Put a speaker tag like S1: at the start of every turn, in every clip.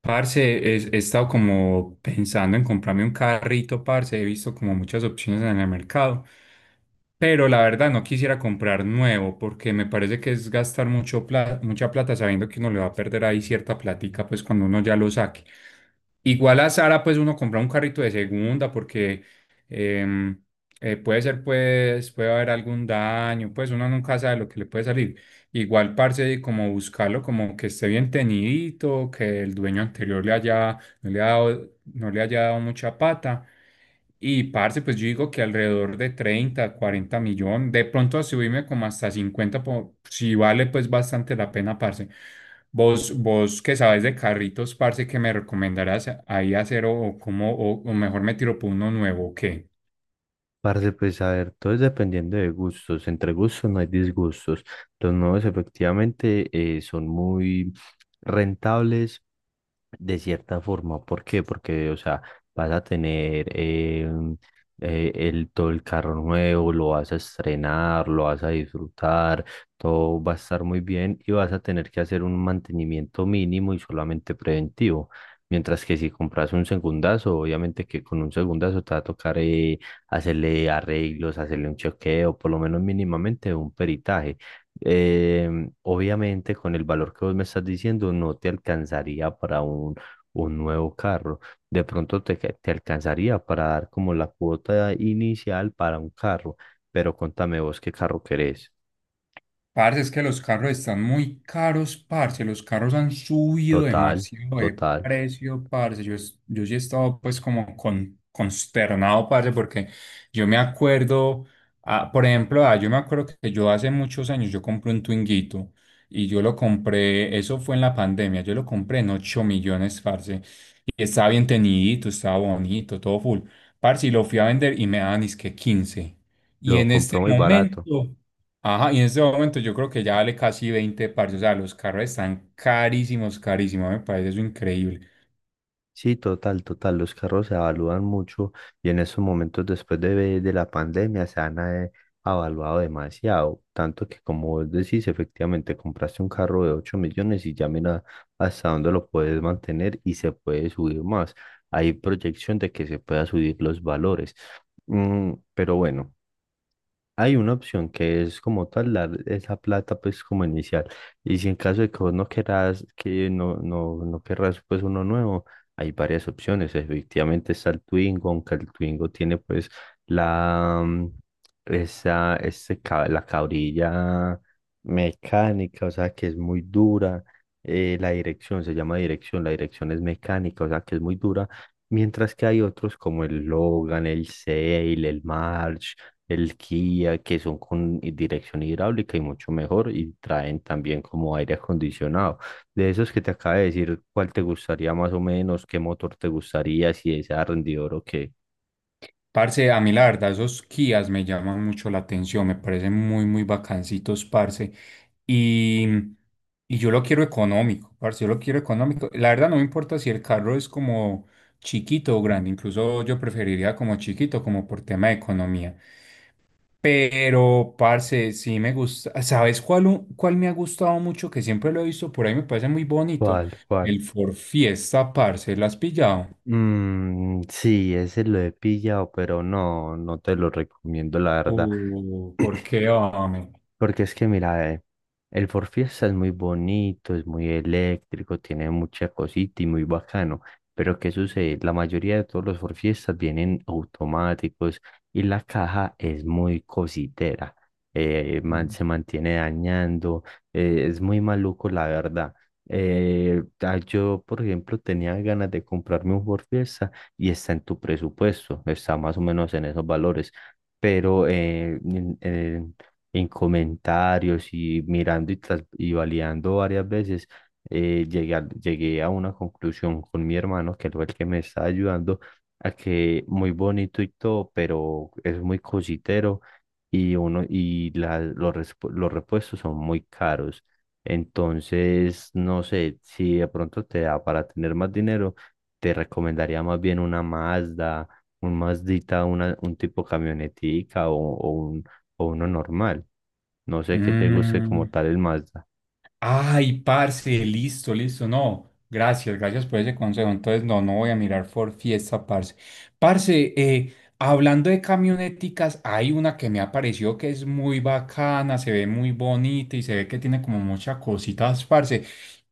S1: Parce, he estado como pensando en comprarme un carrito, parce. He visto como muchas opciones en el mercado, pero la verdad no quisiera comprar nuevo porque me parece que es gastar mucha plata sabiendo que uno le va a perder ahí cierta plática pues cuando uno ya lo saque. Igual a Sara pues uno compra un carrito de segunda porque em, puede ser pues, puede haber algún daño, pues uno nunca sabe lo que le puede salir. Igual, parce, como buscarlo, como que esté bien tenidito, que el dueño anterior le haya, no le ha dado, no le haya dado mucha pata. Y, parce, pues yo digo que alrededor de 30-40 millones, de pronto a subirme como hasta 50 si vale pues bastante la pena, parce. Vos que sabes de carritos, parce, que me recomendarás ahí hacer o cómo, o mejor me tiro por uno nuevo, ¿o qué?
S2: Parce, pues a ver, todo es dependiendo de gustos. Entre gustos no hay disgustos. Los nuevos efectivamente son muy rentables de cierta forma, ¿por qué? Porque, o sea, vas a tener todo el carro nuevo, lo vas a estrenar, lo vas a disfrutar, todo va a estar muy bien y vas a tener que hacer un mantenimiento mínimo y solamente preventivo. Mientras que si compras un segundazo, obviamente que con un segundazo te va a tocar hacerle arreglos, hacerle un chequeo, por lo menos mínimamente un peritaje. Obviamente, con el valor que vos me estás diciendo, no te alcanzaría para un nuevo carro. De pronto te alcanzaría para dar como la cuota inicial para un carro, pero contame vos qué carro querés.
S1: Parce, es que los carros están muy caros, parce. Los carros han subido
S2: Total,
S1: demasiado de
S2: total.
S1: precio, parce. Yo sí he estado pues como consternado, parce, porque yo me acuerdo, por ejemplo, yo me acuerdo que yo hace muchos años yo compré un Twinguito, y yo lo compré, eso fue en la pandemia, yo lo compré en 8 millones, parce. Y estaba bien teñidito, estaba bonito, todo full. Parce, y lo fui a vender y me daban que 15. Y
S2: Lo
S1: en este
S2: compró muy barato.
S1: momento, ajá, y en este momento yo creo que ya vale casi 20, parce. O sea, los carros están carísimos, carísimos, me parece eso increíble.
S2: Sí, total, total. Los carros se evalúan mucho, y en estos momentos, después de la pandemia, se han evaluado demasiado. Tanto que, como vos decís, efectivamente compraste un carro de 8 millones y ya mira hasta dónde lo puedes mantener, y se puede subir más. Hay proyección de que se pueda subir los valores. Pero bueno. Hay una opción, que es como tal dar esa plata pues como inicial, y si en caso de que vos no querás, que no no no querrás pues uno nuevo, hay varias opciones. Efectivamente está el Twingo, aunque el Twingo tiene pues la mm, esa ese ca- la cabrilla mecánica, o sea que es muy dura. La dirección, se llama dirección, la dirección es mecánica, o sea que es muy dura. Mientras que hay otros, como el Logan, el Sail, el March, el Kia, que son con dirección hidráulica y mucho mejor, y traen también como aire acondicionado. De esos que te acabo de decir, ¿cuál te gustaría más o menos? ¿Qué motor te gustaría? ¿Si es a rendidor o qué?
S1: Parce, a mí la verdad, esos Kias me llaman mucho la atención, me parecen muy, muy bacancitos, parce. Y, y yo lo quiero económico, parce, yo lo quiero económico. La verdad, no me importa si el carro es como chiquito o grande, incluso yo preferiría como chiquito, como por tema de economía. Pero, parce, sí me gusta. ¿Sabes cuál, cuál me ha gustado mucho? Que siempre lo he visto por ahí, me parece muy bonito.
S2: ¿Cuál, cuál?
S1: El Ford Fiesta, parce, ¿lo has pillado?
S2: Mm, sí, ese lo he pillado, pero no, no te lo recomiendo, la verdad.
S1: ¿Por qué, hombre?
S2: Porque es que mira, el For Fiesta es muy bonito, es muy eléctrico, tiene mucha cosita y muy bacano. Pero ¿qué sucede? La mayoría de todos los For Fiestas vienen automáticos y la caja es muy cositera. Se mantiene dañando. Es muy maluco, la verdad. Ah, yo, por ejemplo, tenía ganas de comprarme un For Fiesta, y está en tu presupuesto, está más o menos en esos valores, pero en comentarios y mirando y validando varias veces, llegué a una conclusión con mi hermano, que fue el que me está ayudando, a que muy bonito y todo, pero es muy cositero, y, uno, y los repuestos son muy caros. Entonces, no sé, si de pronto te da para tener más dinero, te recomendaría más bien una Mazda, un Mazdita, un tipo camionetica o uno normal. No sé qué te guste como
S1: Mm.
S2: tal el Mazda.
S1: Ay, parce, listo, listo. No, gracias, gracias por ese consejo. Entonces, no, no voy a mirar por Fiesta, parce. Parce, hablando de camioneticas, hay una que me apareció que es muy bacana, se ve muy bonita y se ve que tiene como muchas cositas, parce.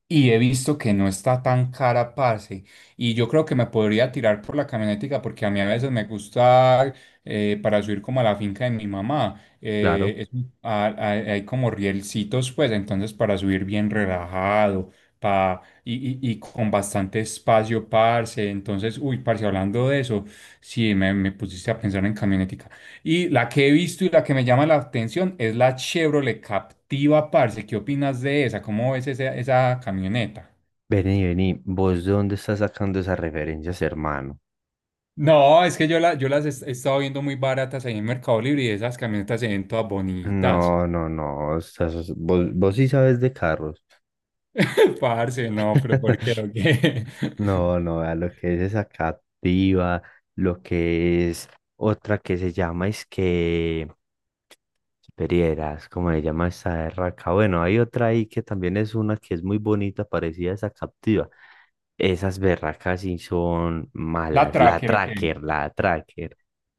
S1: Y he visto que no está tan cara, parce. Y yo creo que me podría tirar por la camionetica porque a mí a veces me gusta para subir como a la finca de mi mamá,
S2: Claro.
S1: es un- a- hay como rielcitos, pues, entonces para subir bien relajado, pa, y con bastante espacio, parce. Entonces, uy, parce, hablando de eso, sí, me pusiste a pensar en camionetica. Y la que he visto y la que me llama la atención es la Chevrolet Captiva, parce. ¿Qué opinas de esa? ¿Cómo ves esa, camioneta?
S2: Vení, vení, ¿vos de dónde estás sacando esas referencias, hermano?
S1: No, es que yo las he estado viendo muy baratas ahí en Mercado Libre, y esas camionetas se ven todas bonitas.
S2: No, no, no, vos sí sabes de carros.
S1: Parce, no, pero ¿por qué? ¿O qué?
S2: No, no, a lo que es esa Captiva, lo que es otra que se llama, es que... ¿Perieras, cómo se llama esa de raca? Bueno, hay otra ahí que también es una que es muy bonita, parecida a esa captiva. Esas berracas sí son
S1: La
S2: malas. La
S1: Tracker, ¿o qué?
S2: tracker, la tracker.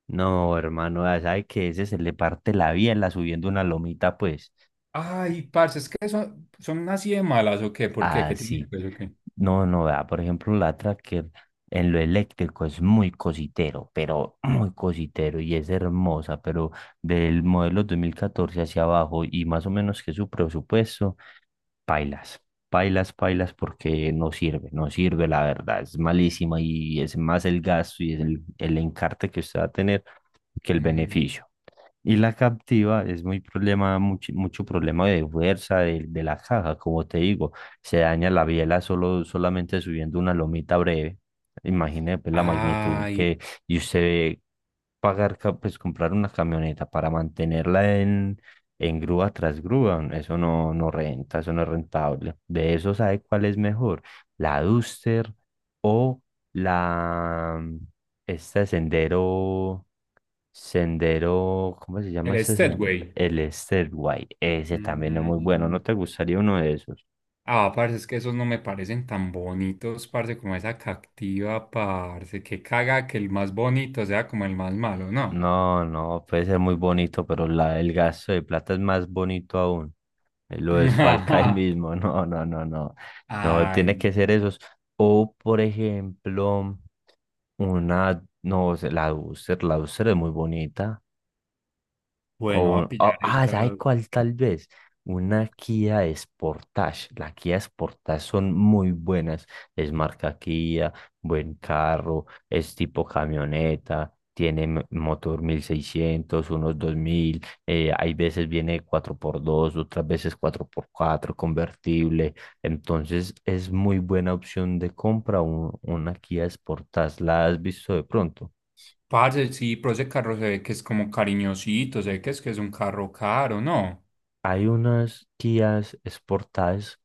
S2: No, hermano, ya sabe que ese se le parte la biela subiendo una lomita, pues.
S1: Ay, parce, es que son así de malas, ¿o qué? ¿Por qué? ¿Qué tiene
S2: Así.
S1: pues, o qué?
S2: No, no, vea, por ejemplo, la tracker en lo eléctrico es muy cositero, pero muy cositero, y es hermosa, pero del modelo 2014 hacia abajo y más o menos que su presupuesto. Pailas, pailas, pailas, porque no sirve, no sirve, la verdad, es malísima, y es más el gasto, y es el encarte que usted va a tener, que el
S1: Mm.
S2: beneficio. Y la captiva es muy problema, mucho, mucho problema de fuerza de la caja, como te digo, se daña la biela solo, solamente subiendo una lomita breve. Imagine pues la magnitud,
S1: Ay,
S2: que y usted ve pagar, pues comprar una camioneta para mantenerla en grúa tras grúa, eso no, no renta, eso no es rentable. De eso, sabe cuál es mejor, la Duster o la, este Sendero. Sendero, ¿cómo se llama
S1: el
S2: ese sendero?
S1: Steadway.
S2: El Stairway, ese también es muy bueno,
S1: Mm.
S2: ¿no te gustaría uno de esos?
S1: Ah, parce, es que esos no me parecen tan bonitos, parce, como esa cactiva, parce. Que caga que el más bonito sea como el más malo, ¿no?
S2: No, no, puede ser muy bonito, pero el gasto de plata es más bonito aún. Lo desfalca ahí
S1: Ajá.
S2: mismo. No, no, no, no, no, tiene
S1: Ay,
S2: que ser esos. O, por ejemplo, una, no, o sea, la Duster es muy bonita.
S1: bueno, voy a pillar
S2: Ah, ¿sabe
S1: esa.
S2: cuál tal vez? Una Kia Sportage. Las Kia Sportage son muy buenas. Es marca Kia, buen carro, es tipo camioneta, tiene motor 1600, unos 2000. Hay veces viene cuatro por dos, otras veces cuatro por cuatro convertible. Entonces es muy buena opción de compra una Kia Sportage. ¿La has visto de pronto?
S1: Parce, sí, pero ese carro se ve que es como cariñosito, se ve que es un carro caro, ¿no?
S2: Hay unas guías exportadas,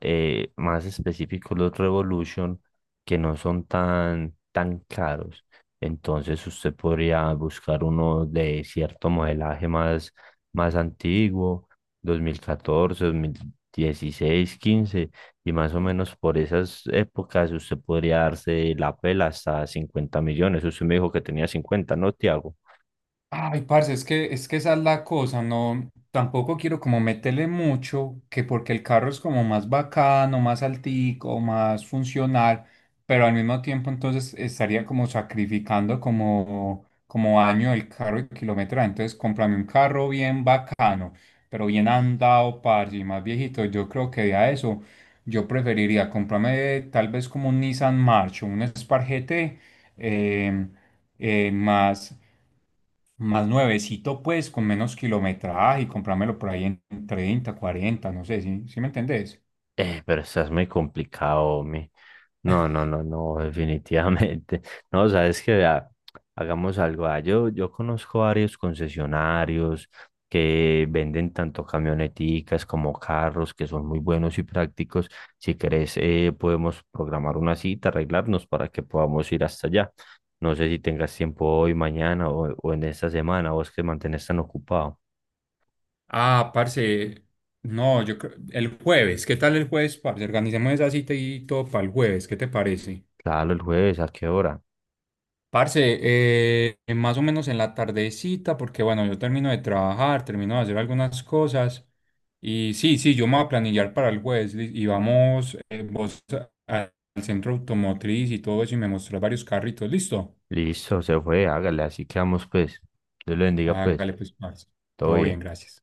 S2: más específicos los Revolution, que no son tan, tan caros. Entonces usted podría buscar uno de cierto modelaje más antiguo, 2014, 2016, 15, y más o menos por esas épocas usted podría darse la pela hasta 50 millones. Usted me dijo que tenía 50, ¿no, Tiago?
S1: Ay, parce, es que esa es la cosa, no, tampoco quiero como meterle mucho, que porque el carro es como más bacano, más altico, más funcional, pero al mismo tiempo entonces estaría como sacrificando como, año el carro y kilometraje, entonces cómprame un carro bien bacano, pero bien andado, parce, y más viejito. Yo creo que a eso yo preferiría comprarme tal vez como un Nissan March o un Spark GT, em, Más Más nuevecito, pues, con menos kilometraje y comprármelo por ahí en 30-40, no sé, ¿sí, sí me entendés?
S2: Pero estás muy complicado, hombre. No, no, no, no, definitivamente. No, sabes que vea, hagamos algo. Ah, yo conozco varios concesionarios que venden tanto camioneticas como carros, que son muy buenos y prácticos. Si querés, podemos programar una cita, arreglarnos para que podamos ir hasta allá. No sé si tengas tiempo hoy, mañana o en esta semana, vos que mantenés tan ocupado.
S1: Ah, parce, no, yo creo, el jueves, ¿qué tal el jueves, parce? Organicemos esa cita y todo para el jueves, ¿qué te parece?
S2: Claro, el jueves, ¿a qué hora?
S1: Parce, más o menos en la tardecita, porque bueno, yo termino de trabajar, termino de hacer algunas cosas, y sí, sí, yo me voy a planillar para el jueves, y vamos, vos a- al centro automotriz y todo eso, y me mostrás varios carritos, ¿listo?
S2: Listo, se fue, hágale, así quedamos pues. Dios le bendiga pues,
S1: Hágale pues, parce.
S2: todo
S1: Todo bien,
S2: bien.
S1: gracias.